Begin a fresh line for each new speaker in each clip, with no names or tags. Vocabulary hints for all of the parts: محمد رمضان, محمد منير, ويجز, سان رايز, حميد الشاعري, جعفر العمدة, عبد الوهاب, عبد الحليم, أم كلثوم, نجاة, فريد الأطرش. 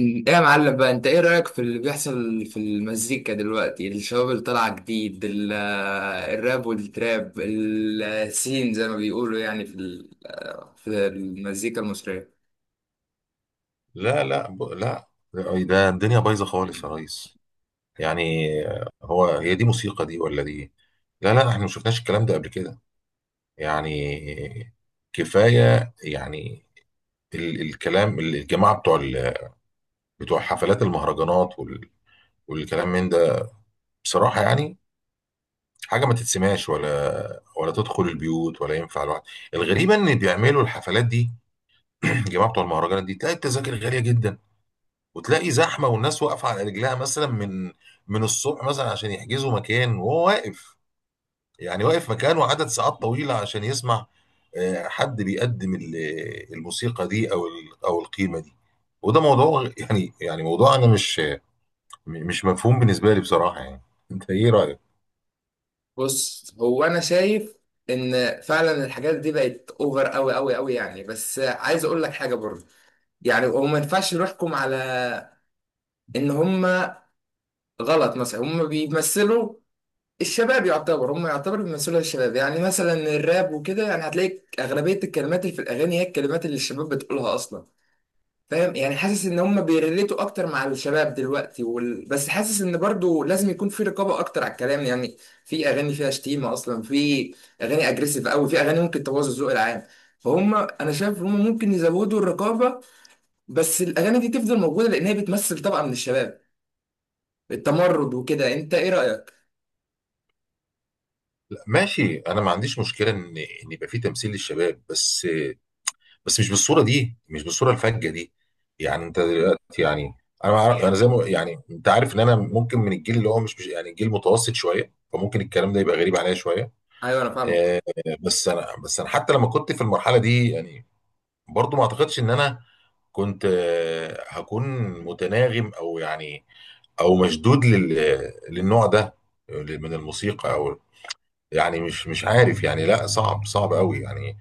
ايه يا معلم بقى، انت ايه رأيك في اللي بيحصل في المزيكا دلوقتي؟ الشباب اللي طالعه جديد الراب والتراب السين زي ما بيقولوا، يعني في في المزيكا المصرية.
لا لا، لا. ده الدنيا بايظه خالص يا ريس. يعني، هي دي موسيقى دي ولا دي؟ لا لا، احنا ما شفناش الكلام ده قبل كده. يعني كفايه يعني. الكلام الجماعه بتوع حفلات المهرجانات والكلام من ده. بصراحه يعني، حاجه ما تتسمعش ولا تدخل البيوت ولا ينفع الواحد. الغريبه ان بيعملوا الحفلات دي. الجماعه بتوع المهرجانات دي، تلاقي التذاكر غاليه جدا وتلاقي زحمه، والناس واقفه على رجلها مثلا من الصبح مثلا عشان يحجزوا مكان، وهو واقف، يعني واقف مكانه عدد ساعات طويله عشان يسمع حد بيقدم الموسيقى دي او القيمه دي. وده موضوع، يعني موضوع انا مش مفهوم بالنسبه لي بصراحه يعني. انت ايه رايك؟
بص، هو انا شايف ان فعلا الحاجات دي بقت اوفر قوي قوي قوي، يعني بس عايز اقول لك حاجة برضه. يعني هو ما ينفعش نحكم على ان هم غلط. مثلا هم بيمثلوا الشباب، يعتبر هم يعتبر بيمثلوا الشباب، يعني مثلا الراب وكده. يعني هتلاقي أغلبية الكلمات اللي في الأغاني هي الكلمات اللي الشباب بتقولها أصلا. فاهم؟ يعني حاسس إن هم بيريليتوا أكتر مع الشباب دلوقتي بس حاسس إن برضو لازم يكون في رقابة أكتر على الكلام. يعني في أغاني فيها شتيمة أصلا، في أغاني أجريسيف أوي، في أغاني ممكن تبوظ الذوق العام. فهم، أنا شايف هم ممكن يزودوا الرقابة، بس الأغاني دي تفضل موجودة لأن هي بتمثل طبقة من الشباب، التمرد وكده. أنت إيه رأيك؟
لا ماشي، انا ما عنديش مشكله ان يبقى في تمثيل للشباب، بس بس مش بالصوره دي، مش بالصوره الفجه دي. يعني انت دلوقتي يعني، انا زي ما يعني انت عارف، ان انا ممكن من الجيل اللي هو يعني جيل متوسط شويه، فممكن الكلام ده يبقى غريب عليا شويه.
أيوه أنا فاهمك.
آه، بس انا، حتى لما كنت في المرحله دي يعني، برضو ما اعتقدش ان انا كنت، هكون متناغم او يعني او مشدود للنوع ده من الموسيقى، او يعني مش عارف يعني. لا صعب، صعب قوي يعني.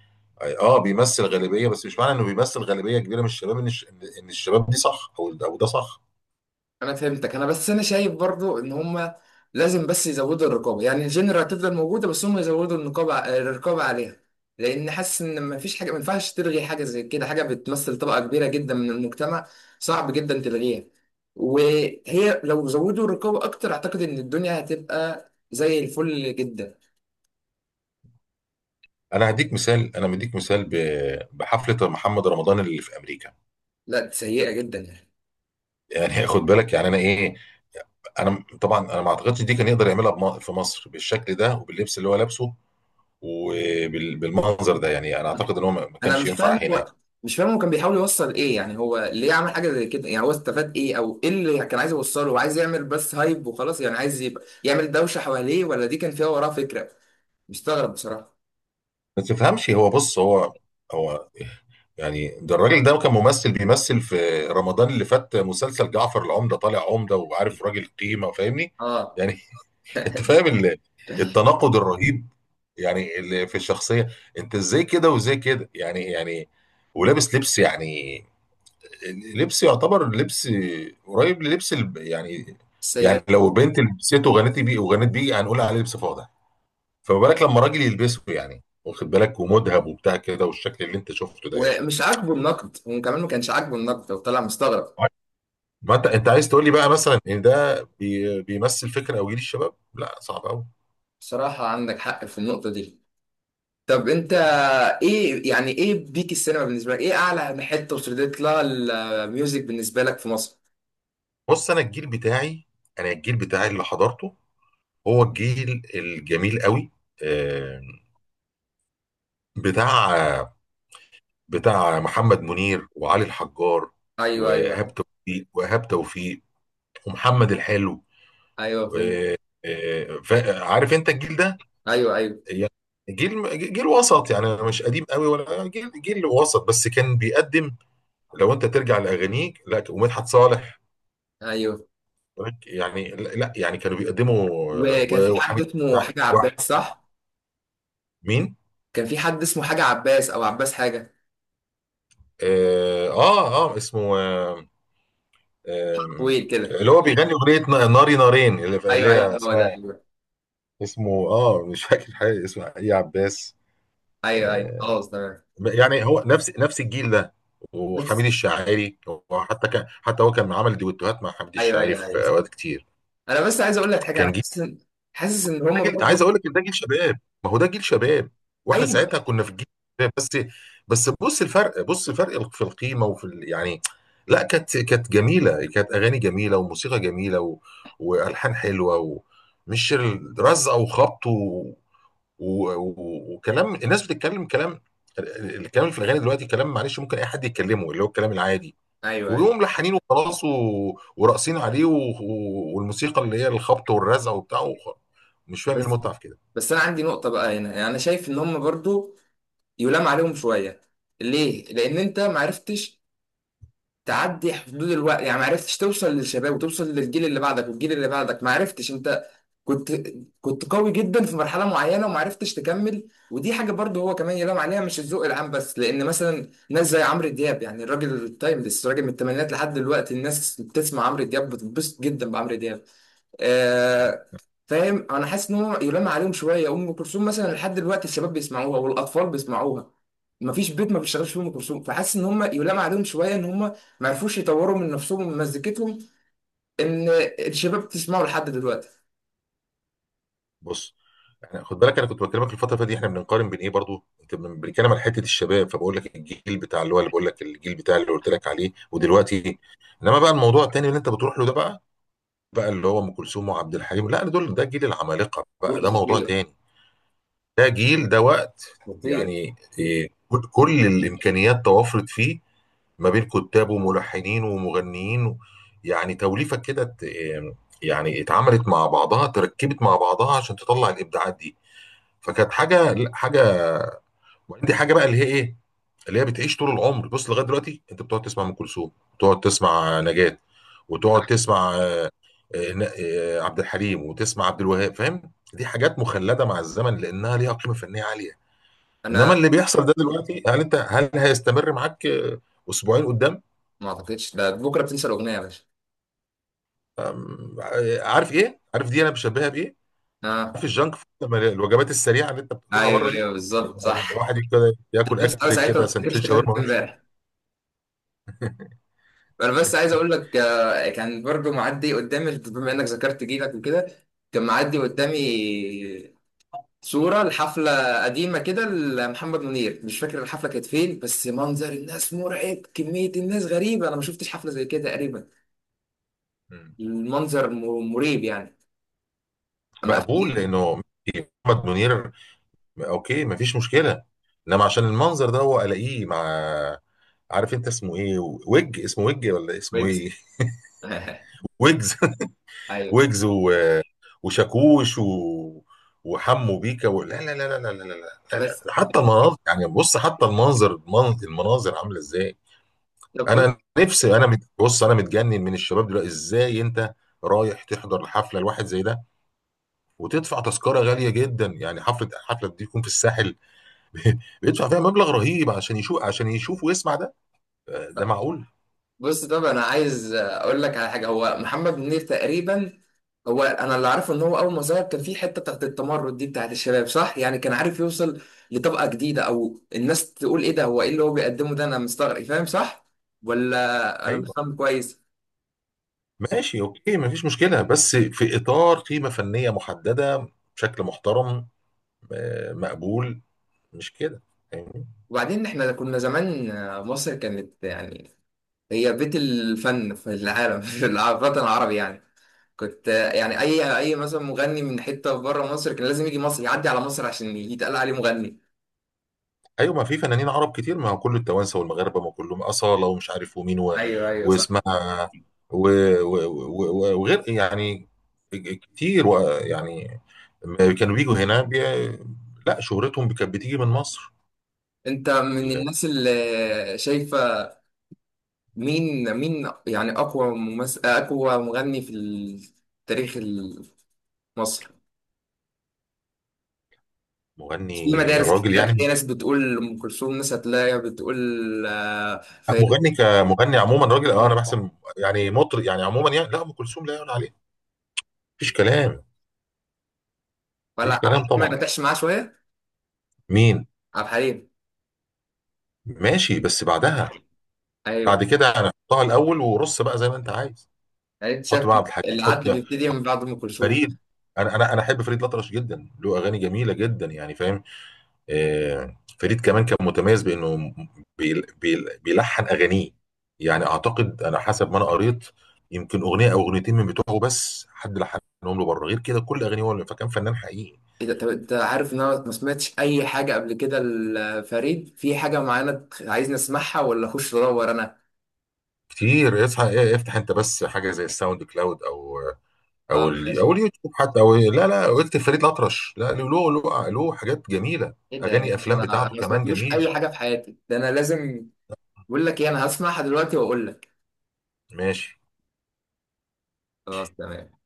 اه بيمثل غالبيه، بس مش معنى انه بيمثل غالبيه كبيره من الشباب ان ان الشباب دي صح، او ده صح.
انا فهمتك. انا بس انا شايف برضو ان هم لازم بس يزودوا الرقابه. يعني الجنرال هتفضل موجوده بس هم يزودوا الرقابه عليها. لان حاسس ان ما فيش حاجه، ما ينفعش تلغي حاجه زي كده. حاجه بتمثل طبقه كبيره جدا من المجتمع، صعب جدا تلغيها. وهي لو زودوا الرقابه اكتر، اعتقد ان الدنيا هتبقى زي الفل جدا.
انا هديك مثال، انا مديك مثال بحفله محمد رمضان اللي في امريكا.
لا، سيئه جدا يعني.
يعني خد بالك يعني انا ايه، انا طبعا انا ما اعتقدش دي كان يقدر يعملها في مصر بالشكل ده، وباللبس اللي هو لابسه، وبالمنظر ده. يعني انا اعتقد ان هو ما
انا
كانش
مش
ينفع
فاهم،
هنا يعني.
هو مش فاهم هو كان بيحاول يوصل ايه. يعني هو ليه عمل حاجه زي كده؟ يعني هو استفاد ايه او ايه اللي كان عايز يوصله؟ هو عايز يعمل بس هايب وخلاص، يعني عايز يبقى يعمل دوشه حواليه، ولا دي كان فيها وراه فكره؟ مستغرب بصراحه.
ما تفهمش هو، بص هو، هو يعني ده الراجل ده كان ممثل، بيمثل في رمضان اللي فات مسلسل جعفر العمدة، طالع عمدة وعارف، راجل قيمة فاهمني.
اه.
يعني انت فاهم التناقض الرهيب يعني اللي في الشخصية. انت ازاي كده وازاي كده؟ يعني يعني ولابس لبس، يعني لبس يعتبر، لبس قريب يعني، يعني
السيدات.
لو بنت لبسته وغنت بيه، هنقول عليه لبس فاضح. فما بالك لما راجل يلبسه، يعني واخد بالك، ومذهب وبتاع كده، والشكل اللي انت شفته ده يعني.
ومش عاجبه النقد، هو كمان ما كانش عاجبه النقد وطلع مستغرب.
ما انت عايز تقول لي بقى مثلا ان ده بيمثل فكره او جيل الشباب؟ لا صعب قوي.
بصراحه عندك حق في النقطه دي. طب انت ايه يعني؟ ايه بيك السينما بالنسبه لك؟ ايه اعلى حته وصلت لها الميوزك بالنسبه لك في مصر؟
بص، انا الجيل بتاعي اللي حضرته، هو الجيل الجميل قوي. آه، بتاع، محمد منير وعلي الحجار،
ايوه، ايوه،
وايهاب توفيق ومحمد الحلو.
ايوه، فهمت.
آه، عارف انت الجيل ده.
ايوه، ايوه،
يعني جيل، وسط يعني. أنا مش قديم قوي، ولا جيل، وسط. بس كان بيقدم، لو انت ترجع لاغانيه، لا، ومدحت صالح
ايوه.
يعني. لا لا، يعني كانوا بيقدموا.
وكان في حد
وحميد.
اسمه حاجة عباس، صح؟
مين؟
كان في حد اسمه حاجة عباس أو عباس حاجة،
اه اه، اسمه، آه
طويل كده.
اللي هو بيغني اغنيه ناري نارين، اللي
أيوه،
هي
أيوه، هو ده،
اسمها،
أيوه.
اسمه مش فاكر حاجه اسمها ايه عباس.
أيوه، أيوه،
آه
خلاص تمام.
يعني هو نفس الجيل ده،
بس.
وحميد الشاعري. وحتى كان حتى هو كان عمل دويتوهات مع حميد
أيوه،
الشاعري
أيوه، أيوه،
في
صح.
اوقات كتير.
أنا بس عايز أقول لك حاجة. أنا
كان جيل،
حاسس إن
ده
هما
جيل، عايز
برضو.
اقول لك إن ده جيل شباب، ما هو ده جيل شباب، واحنا
أيوه،
ساعتها كنا في الجيل شباب. بس، بص الفرق، في القيمه وفي يعني، لا كانت، جميله، كانت اغاني جميله، وموسيقى جميله، والحان حلوه. ومش رزع وخبط و... و... وكلام. الناس بتتكلم كلام. الكلام اللي في الاغاني دلوقتي كلام، معلش، ممكن اي حد يتكلمه، اللي هو الكلام العادي.
أيوه، أيوه.
ويقوموا ملحنين وخلاص، وراقصين عليه، والموسيقى اللي هي الخبط والرزع وبتاع وخلاص. مش فاهم إيه
بس.
المتعه في كده.
بس أنا عندي نقطة بقى هنا. يعني أنا شايف إن هما برضو يلام عليهم شوية. ليه؟ لأن أنت معرفتش تعدي حدود الوقت. يعني ما عرفتش توصل للشباب، وتوصل للجيل اللي بعدك، والجيل اللي بعدك ما عرفتش انت. كنت كنت قوي جدا في مرحله معينه وما عرفتش تكمل، ودي حاجه برضه هو كمان يلام عليها، مش الذوق العام بس. لان مثلا ناس زي عمرو دياب، يعني الراجل التايمليس، راجل من الثمانينات لحد دلوقتي الناس بتسمع عمرو دياب بتنبسط جدا بعمرو دياب. آه، فاهم؟ انا حاسس ان هو يلام عليهم شويه. ام كلثوم مثلا لحد دلوقتي الشباب بيسمعوها والاطفال بيسمعوها. مفيش بيت ما بيشتغلش فيه ام كلثوم. فحاسس ان هم يلام عليهم شويه، ان هم ما عرفوش يطوروا من نفسهم ومن مزيكتهم، ان الشباب بتسمعه لحد دلوقتي.
بص احنا، خد بالك انا كنت بكلمك الفتره اللي فاتت دي، احنا بنقارن بين ايه؟ برضو انت بنتكلم على حته الشباب، فبقول لك الجيل بتاع اللي هو، اللي بقول لك الجيل بتاع اللي قلت لك عليه ودلوقتي. انما بقى الموضوع التاني اللي انت بتروح له ده، بقى اللي هو ام كلثوم وعبد الحليم، لا دول، ده جيل العمالقه بقى،
دول
ده موضوع
خطير.
تاني. ده جيل، ده وقت
خطير.
يعني إيه. كل الامكانيات توفرت فيه، ما بين كتاب وملحنين ومغنيين يعني، توليفة كده ت... آمم، يعني اتعملت مع بعضها، تركبت مع بعضها عشان تطلع الابداعات دي. فكانت حاجه، لا، حاجه. وعندي حاجه بقى اللي هي ايه، اللي هي بتعيش طول العمر. بص لغايه دلوقتي انت بتقعد تسمع ام كلثوم، وتقعد تسمع نجاة، وتقعد تسمع، عبد الحليم، وتسمع عبد الوهاب. فاهم، دي حاجات مخلده مع الزمن لانها ليها قيمه فنيه عاليه. انما
انا
اللي بيحصل ده دلوقتي، هل هيستمر معاك اسبوعين قدام؟
ما اعتقدش، ده بكره بتنسى الاغنيه يا باشا.
أم، عارف ايه، دي انا بشبهها بايه؟
اه.
عارف الجانك فود، لما الوجبات السريعه اللي انت بتاكلها بره
ايوه،
دي،
ايوه، بالظبط،
يعني
صح.
الواحد كده ياكل
بس انا
اكل
ساعتها ما
كده،
بتفتكرش
سندوتش
تتكلم
شاورما ويمشي.
امبارح. انا بس عايز اقول لك، كان برضو معدي قدامي، بما انك ذكرت جيلك وكده، كان معدي قدامي صورة لحفلة قديمة كده لمحمد منير. مش فاكر الحفلة كانت فين، بس منظر الناس مرعب، كمية الناس غريبة، انا ما شفتش حفلة زي كده تقريبا.
مم.
المنظر مريب يعني، اما
مقبول
قافلين.
لانه محمد منير، اوكي مفيش مشكله. انما عشان المنظر ده، هو الاقيه مع، عارف انت اسمه ايه، ويج ولا اسمه
بريكس.
ايه؟ ويجز،
ايوه.
ويجز و... وشاكوش وحمو بيكا لا لا لا لا لا لا لا، لا.
بس.
لا. حتى المناظر يعني، بص حتى المنظر، المناظر عامله ازاي.
طب بص
انا نفسي، بص انا متجنن من الشباب دلوقتي. ازاي انت رايح تحضر الحفله الواحد زي ده، وتدفع تذكره غاليه جدا؟ يعني حفله، دي تكون في الساحل، بيدفع فيها مبلغ رهيب عشان يشوف، ويسمع ده؟ ده معقول؟
بص طب انا عايز اقول لك على حاجة. هو محمد منير تقريبا، هو انا اللي عارفه ان هو اول ما ظهر كان في حته بتاعت التمرد دي بتاعت الشباب، صح؟ يعني كان عارف يوصل لطبقه جديده، او الناس تقول ايه ده، هو ايه اللي هو بيقدمه ده؟ انا مستغرب. فاهم؟ صح، ولا انا مش
ايوه
فاهم كويس؟
ماشي، اوكي مفيش مشكله، بس في اطار قيمه فنيه محدده، بشكل محترم، مقبول، مش كده؟ فاهمني.
وبعدين احنا كنا زمان، مصر كانت يعني هي بيت الفن في العالم في في الوطن العربي يعني. كنت، يعني اي مثلا مغني من حته بره مصر كان لازم يجي مصر، يعدي على مصر، عشان يتقال عليه مغني.
ايوه، ما في فنانين عرب كتير، ما هو كله التوانسه والمغاربه، ما كلهم اصاله ومش عارف ومين
ايوه، ايوه،
واسمها،
صح.
و... وغير يعني، كتير يعني، لما كانوا بيجوا هنا لا، شهرتهم كانت بتيجي من مصر.
انت من الناس اللي شايفه مين، مين يعني أقوى ممثل، أقوى مغني في تاريخ مصر؟ في
المغني
مدارس
راجل
كتير هتلاقي
يعني،
ناس بتقول أم كلثوم، ناس هتلاقي بتقول فيروز.
مغني كمغني عموما، راجل انا
طب-
بحسب يعني، مطرب يعني، عموما يعني، لا ام كلثوم لا يعلى عليها، مفيش كلام.
ولا
مفيش
عبد
كلام
الحليم ما
طبعا.
نتعش معاه شوية؟
مين؟
عبد الحليم.
ماشي، بس بعدها. بعد
أيوه.
كده انا احطها الاول، ورص بقى زي ما انت عايز.
يعني أنت
حط
شايف
بقى عبد الحليم،
العد
حط
بيبتدي من بعد أم كلثوم.
فريد. انا احب فريد الأطرش جدا، له اغاني جميله جدا يعني فاهم. فريد كمان كان متميز بانه بيلحن اغانيه. يعني اعتقد، انا حسب ما انا قريت، يمكن اغنيه او اغنيتين من بتوعه بس حد لحنهم له بره، غير كده كل اغانيه هو فكان فنان حقيقي.
إيه ده؟ طب أنت عارف إن أنا ما سمعتش أي حاجة قبل كده لفريد؟ في حاجة معينة عايزني أسمعها ولا أخش أدور أنا؟
كتير، اصحى ايه، افتح انت بس حاجه زي الساوند كلاود،
أه، ماشي.
او اليوتيوب حتى، او لا لا، واكتب فريد الأطرش. لا، له، حاجات جميله.
إيه ده يا
اغاني،
باشا؟
افلام
أنا
بتاعته
ما
كمان
سمعتلوش
جميله.
أي حاجة في حياتي. ده أنا لازم. بقول لك ايه، انا هسمعها دلوقتي واقول لك.
ماشي.
خلاص تمام.